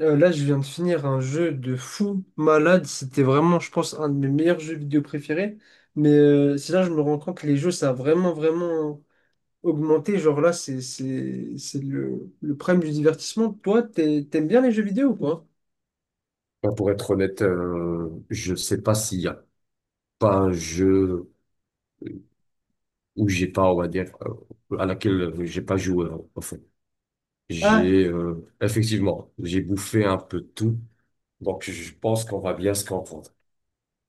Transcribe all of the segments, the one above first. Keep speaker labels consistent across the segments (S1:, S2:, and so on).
S1: Là, je viens de finir un jeu de fou malade. C'était vraiment, je pense, un de mes meilleurs jeux vidéo préférés. Mais c'est là que je me rends compte que les jeux, ça a vraiment, vraiment augmenté. Genre là, c'est le prime du divertissement. Toi, t'aimes bien les jeux vidéo ou quoi?
S2: Bah, pour être honnête, je sais pas s'il y a pas un jeu où j'ai pas, on va dire, à laquelle j'ai pas joué, en fait.
S1: Ah,
S2: J'ai, effectivement, j'ai bouffé un peu de tout, donc je pense qu'on va bien se comprendre.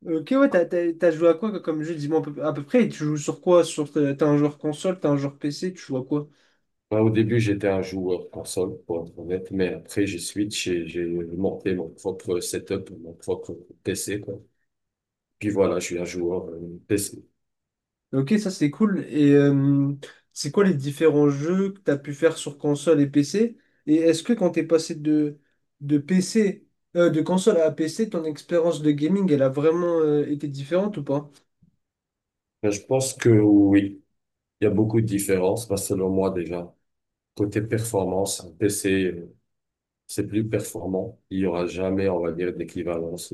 S1: ok, ouais, t'as joué à quoi comme jeu? Dis-moi à peu près. Et tu joues sur quoi? Sur, t'as un joueur console, t'as un joueur PC, tu joues à quoi?
S2: Moi, au début, j'étais un joueur console, pour être honnête, mais après, j'ai switch et j'ai monté mon propre setup, mon propre PC, quoi. Puis voilà, je suis un joueur PC.
S1: Ok, ça c'est cool. Et c'est quoi les différents jeux que tu as pu faire sur console et PC? Et est-ce que quand tu es passé de PC, de console à PC, ton expérience de gaming, elle a vraiment été différente ou pas?
S2: Mais je pense que oui, il y a beaucoup de différences, bah, selon moi déjà côté performance, un PC c'est plus performant. Il y aura jamais, on va dire, d'équivalence.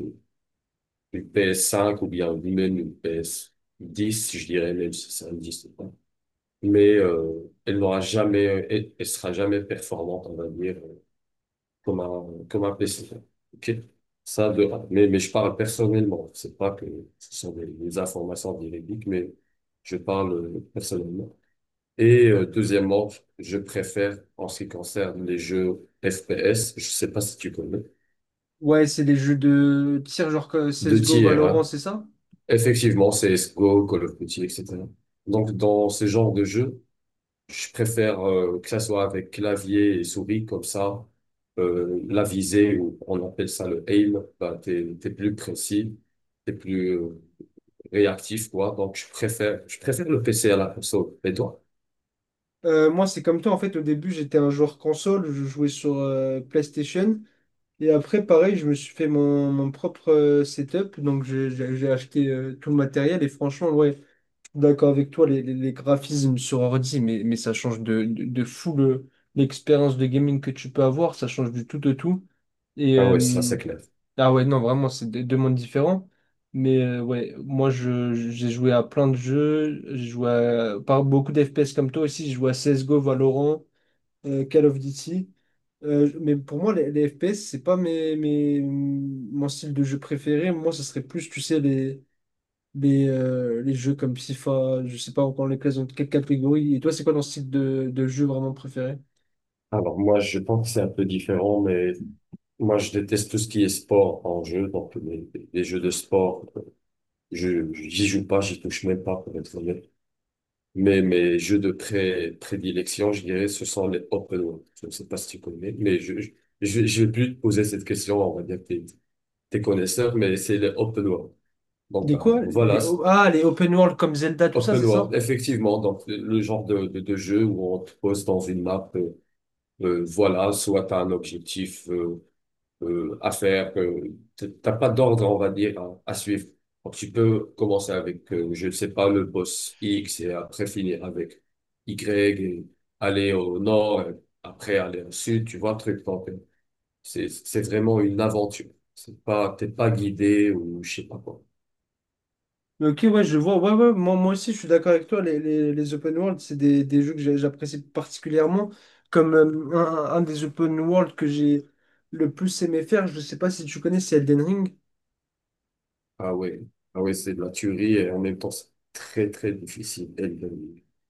S2: Une PS5 ou bien même une PS10, je dirais, même si c'est un 10 ou pas. Mais elle n'aura jamais, elle sera jamais performante, on va dire, comme un PC. OK? Ça, de un. Mais je parle personnellement. C'est pas que ce sont des informations véridiques, mais je parle personnellement. Et deuxièmement, je préfère, en ce qui concerne les jeux FPS, je sais pas si tu connais.
S1: Ouais, c'est des jeux de tir genre que
S2: Deux
S1: CSGO,
S2: tiers,
S1: Valorant,
S2: hein.
S1: c'est ça?
S2: Effectivement, CSGO, Call of Duty, etc. Donc, dans ce genre de jeu, je préfère que ça soit avec clavier et souris, comme ça, la visée, ou on appelle ça le aim, bah, t'es plus précis, t'es plus réactif, quoi. Donc, je préfère le PC à la console. Et toi?
S1: Moi, c'est comme toi. En fait, au début, j'étais un joueur console. Je jouais sur PlayStation. Et après, pareil, je me suis fait mon propre setup. Donc, j'ai acheté tout le matériel. Et franchement, ouais, d'accord avec toi, les graphismes sur ordi, mais ça change de fou l'expérience de gaming que tu peux avoir. Ça change du tout au tout. Et
S2: Ah ouais, ça, c'est clair.
S1: ah ouais, non, vraiment, c'est deux mondes différents. Mais ouais, j'ai joué à plein de jeux. J'ai joué à, par beaucoup d'FPS comme toi aussi. J'ai joué à CSGO, Valorant Call of Duty. Mais pour moi, les FPS, c'est pas mon style de jeu préféré. Moi, ce serait plus, tu sais, les jeux comme FIFA, je sais pas encore les classes dans quelle catégorie. Et toi, c'est quoi ton style de jeu vraiment préféré?
S2: Alors, moi, je pense que c'est un peu différent, mais moi, je déteste tout ce qui est sport en jeu, donc les jeux de sport. J'y joue pas, j'y touche même pas, pour être honnête. Mais mes jeux de prédilection, je dirais, ce sont les open world. Je ne sais pas si tu connais, mais je vais plus te poser cette question. On va dire que t'es connaisseur, mais c'est les open world. Donc,
S1: Des
S2: ben,
S1: quoi?
S2: voilà,
S1: Ah, les open world comme Zelda, tout ça,
S2: open
S1: c'est
S2: world,
S1: ça?
S2: effectivement. Donc, le genre de jeu où on te pose dans une map, voilà, soit t'as un objectif, à faire, que t'as pas d'ordre, on va dire, à suivre. Donc, tu peux commencer avec, je ne sais pas, le boss X et après finir avec Y et aller au nord, et après aller au sud, tu vois, le truc. Donc, c'est vraiment une aventure. C'est pas, t'es pas guidé ou je sais pas quoi.
S1: Mais ok, ouais, je vois. Ouais, ouais, moi, moi aussi, je suis d'accord avec toi. Les open world, c'est des jeux que j'apprécie particulièrement. Comme un des open world que j'ai le plus aimé faire, je sais pas si tu connais, c'est Elden Ring.
S2: Ah ouais, ah ouais, c'est de la tuerie et en même temps, c'est très, très difficile. Et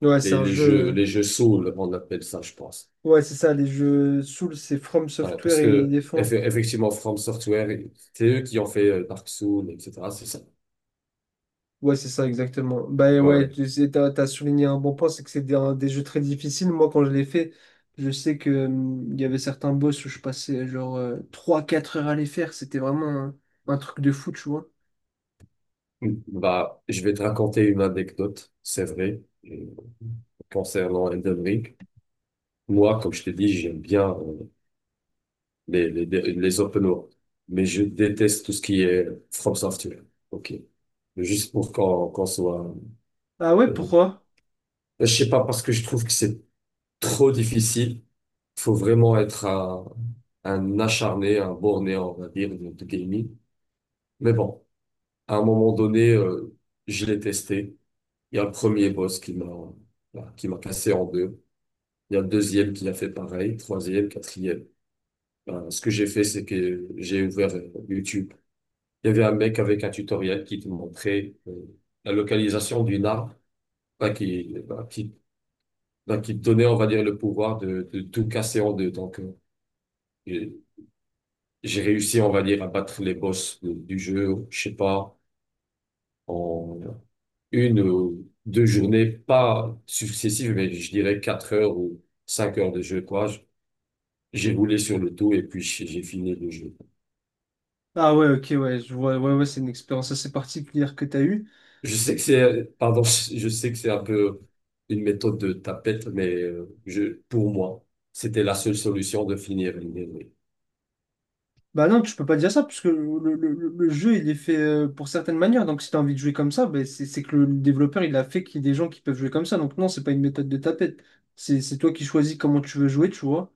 S1: Ouais, c'est un jeu.
S2: les jeux Souls, on appelle ça, je pense.
S1: Ouais, c'est ça, les jeux Souls, c'est From
S2: Ouais, parce
S1: Software et ils
S2: que,
S1: les font.
S2: effectivement, From Software, c'est eux qui ont fait Dark Souls, etc. C'est ça.
S1: Ouais, c'est ça, exactement. Bah ouais,
S2: Ouais.
S1: tu sais, t'as souligné un bon point, c'est que c'est des jeux très difficiles. Moi, quand je l'ai fait, je sais que il y avait certains boss où je passais genre trois quatre heures à les faire. C'était vraiment un truc de fou, tu vois.
S2: Mm. Bah, je vais te raconter une anecdote, c'est vrai, euh, concernant Elden Ring. Moi, comme je t'ai dit, j'aime bien les open world, mais je déteste tout ce qui est From Software. OK. Juste pour qu'on soit...
S1: Ah ouais,
S2: euh,
S1: pourquoi?
S2: je sais pas, parce que je trouve que c'est trop difficile. Faut vraiment être un acharné, un borné, on va dire, de gaming. Mais bon, à un moment donné, je l'ai testé. Il y a le premier boss qui m'a voilà, qui m'a cassé en deux. Il y a le deuxième qui a fait pareil, troisième, quatrième. Ben, ce que j'ai fait, c'est que j'ai ouvert YouTube. Il y avait un mec avec un tutoriel qui te montrait la localisation d'une arme, ben, qui, ben, qui, qui te donnait, on va dire, le pouvoir de tout casser en deux. Donc, j'ai j'ai réussi, on va dire, à battre les boss du jeu, je sais pas, en une ou deux journées, pas successives, mais je dirais 4 heures ou 5 heures de jeu, quoi. J'ai roulé sur le tout et puis j'ai fini le jeu.
S1: Ah ouais, ok, ouais, je vois, ouais, ouais, c'est une expérience assez particulière que tu as eue.
S2: Je sais que
S1: Et-
S2: c'est, pardon, je sais que c'est un peu une méthode de tapette, mais pour moi, c'était la seule solution de finir l'année. Oui.
S1: Bah non, tu peux pas dire ça, puisque le jeu, il est fait pour certaines manières. Donc si tu as envie de jouer comme ça, bah, c'est que le développeur, il a fait qu'il y ait des gens qui peuvent jouer comme ça. Donc non, c'est pas une méthode de tapette. C'est toi qui choisis comment tu veux jouer, tu vois.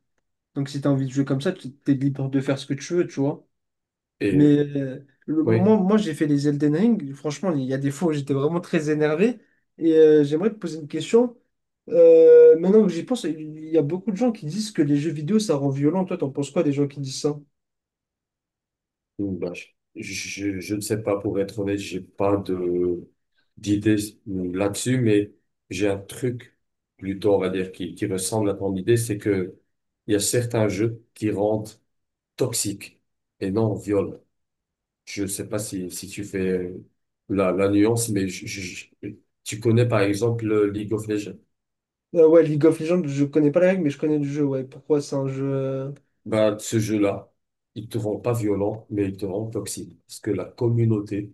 S1: Donc si tu as envie de jouer comme ça, tu es libre de faire ce que tu veux, tu vois.
S2: Et
S1: Mais le moment
S2: oui.
S1: moi j'ai fait les Elden Ring, franchement, il y a des fois où j'étais vraiment très énervé. Et j'aimerais te poser une question. Maintenant que j'y pense, il y a beaucoup de gens qui disent que les jeux vidéo, ça rend violent. Toi, t'en penses quoi des gens qui disent ça?
S2: Bah, je ne sais pas, pour être honnête, j'ai pas de d'idée là-dessus, mais j'ai un truc plutôt, on va dire, qui ressemble à ton idée, c'est que il y a certains jeux qui rendent toxiques et non violents. Je ne sais pas si tu fais la nuance, mais je- tu connais par exemple le League of Legends.
S1: Ouais, League of Legends, je connais pas la règle, mais je connais le jeu. Ouais, pourquoi c'est un jeu.
S2: Bah, ce jeu-là, il te rend pas violent, mais il te rend toxique. Parce que la communauté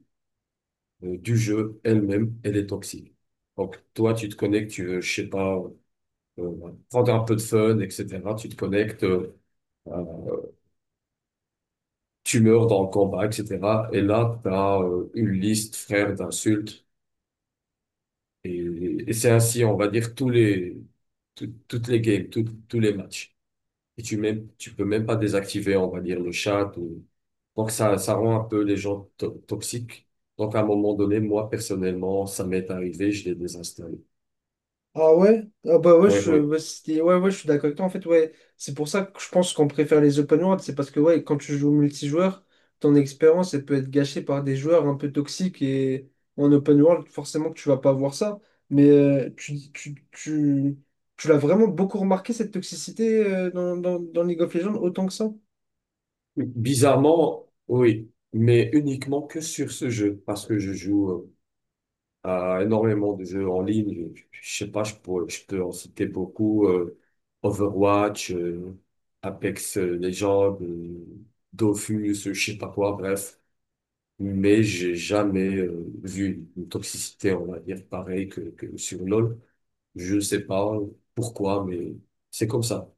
S2: du jeu elle-même, elle est toxique. Donc, toi, tu te connectes, tu veux, je sais pas, prendre un peu de fun, etc. Tu te connectes, euh, tu meurs dans le combat, etc. Et là, tu as une liste, frère, d'insultes. Et, et c'est ainsi, on va dire, toutes les games, tous les matchs. Et tu peux même pas désactiver, on va dire, le chat. Donc, ça rend un peu les gens toxiques. Donc, à un moment donné, moi, personnellement, ça m'est arrivé, je l'ai désinstallé.
S1: Ah ouais? Ah bah ouais,
S2: Oui,
S1: ouais, ouais, ouais, je suis d'accord avec toi. En fait, ouais, c'est pour ça que je pense qu'on préfère les open world. C'est parce que ouais, quand tu joues au multijoueur, ton expérience, elle peut être gâchée par des joueurs un peu toxiques. Et en open world, forcément que tu vas pas voir ça. Mais tu l'as vraiment beaucoup remarqué, cette toxicité dans League of Legends, autant que ça?
S2: bizarrement, oui, mais uniquement que sur ce jeu, parce que je joue à énormément de jeux en ligne. Je sais pas, je peux en citer beaucoup. Overwatch, Apex Legends, Dofus, je sais pas quoi, bref. Mais j'ai jamais vu une toxicité, on va dire, pareille que sur LoL. Je ne sais pas pourquoi, mais c'est comme ça.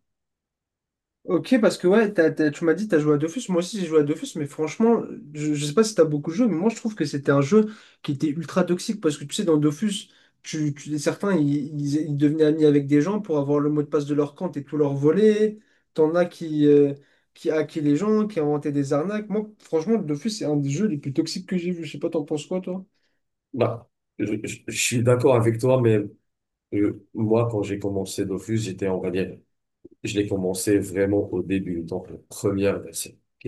S1: Ok, parce que ouais, tu m'as dit que tu as joué à Dofus. Moi aussi, j'ai joué à Dofus, mais franchement, je sais pas si tu as beaucoup joué, mais moi, je trouve que c'était un jeu qui était ultra toxique parce que tu sais, dans Dofus, certains, ils devenaient amis avec des gens pour avoir le mot de passe de leur compte et tout leur voler. T'en as qui hackaient les gens, qui inventaient des arnaques. Moi, franchement, Dofus, c'est un des jeux les plus toxiques que j'ai vu. Je sais pas, t'en penses quoi, toi?
S2: Bah, je suis d'accord avec toi, mais moi, quand j'ai commencé Dofus, j'étais, on va dire, je l'ai commencé vraiment au début, donc la première version. Ok.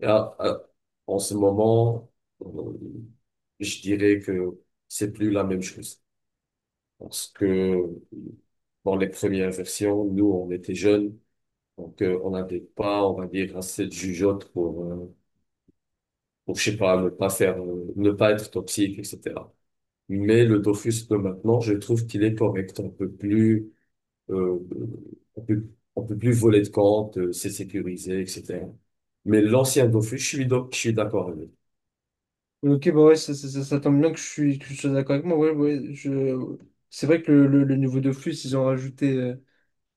S2: Et en ce moment, euh, je dirais que c'est plus la même chose. Parce que dans les premières versions, nous, on était jeunes, donc on n'avait pas, on va dire, assez de jugeote pour, je sais pas, ne pas faire, ne pas être toxique, etc. Mais le Dofus de maintenant, je trouve qu'il est correct, un peu plus euh, on peut, on peut plus voler de compte, c'est sécurisé, etc. Mais l'ancien Dofus, je suis d'accord avec.
S1: Ok, bah ouais, ça tombe bien que que je sois d'accord avec moi. Ouais, ouais, je... C'est vrai que le niveau Dofus, ils ont rajouté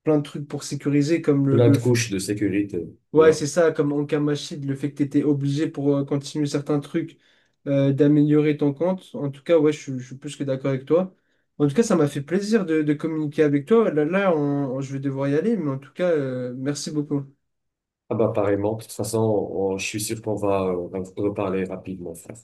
S1: plein de trucs pour sécuriser, comme
S2: Plein de couches de sécurité.
S1: ouais,
S2: Genre,
S1: c'est ça, comme en Kamashid, le fait que tu étais obligé pour continuer certains trucs d'améliorer ton compte. En tout cas, ouais, je suis plus que d'accord avec toi. En tout cas, ça m'a fait plaisir de communiquer avec toi. Je vais devoir y aller, mais en tout cas, merci beaucoup.
S2: ah bah, apparemment, de toute façon, je suis sûr qu'on va, en reparler rapidement, frère.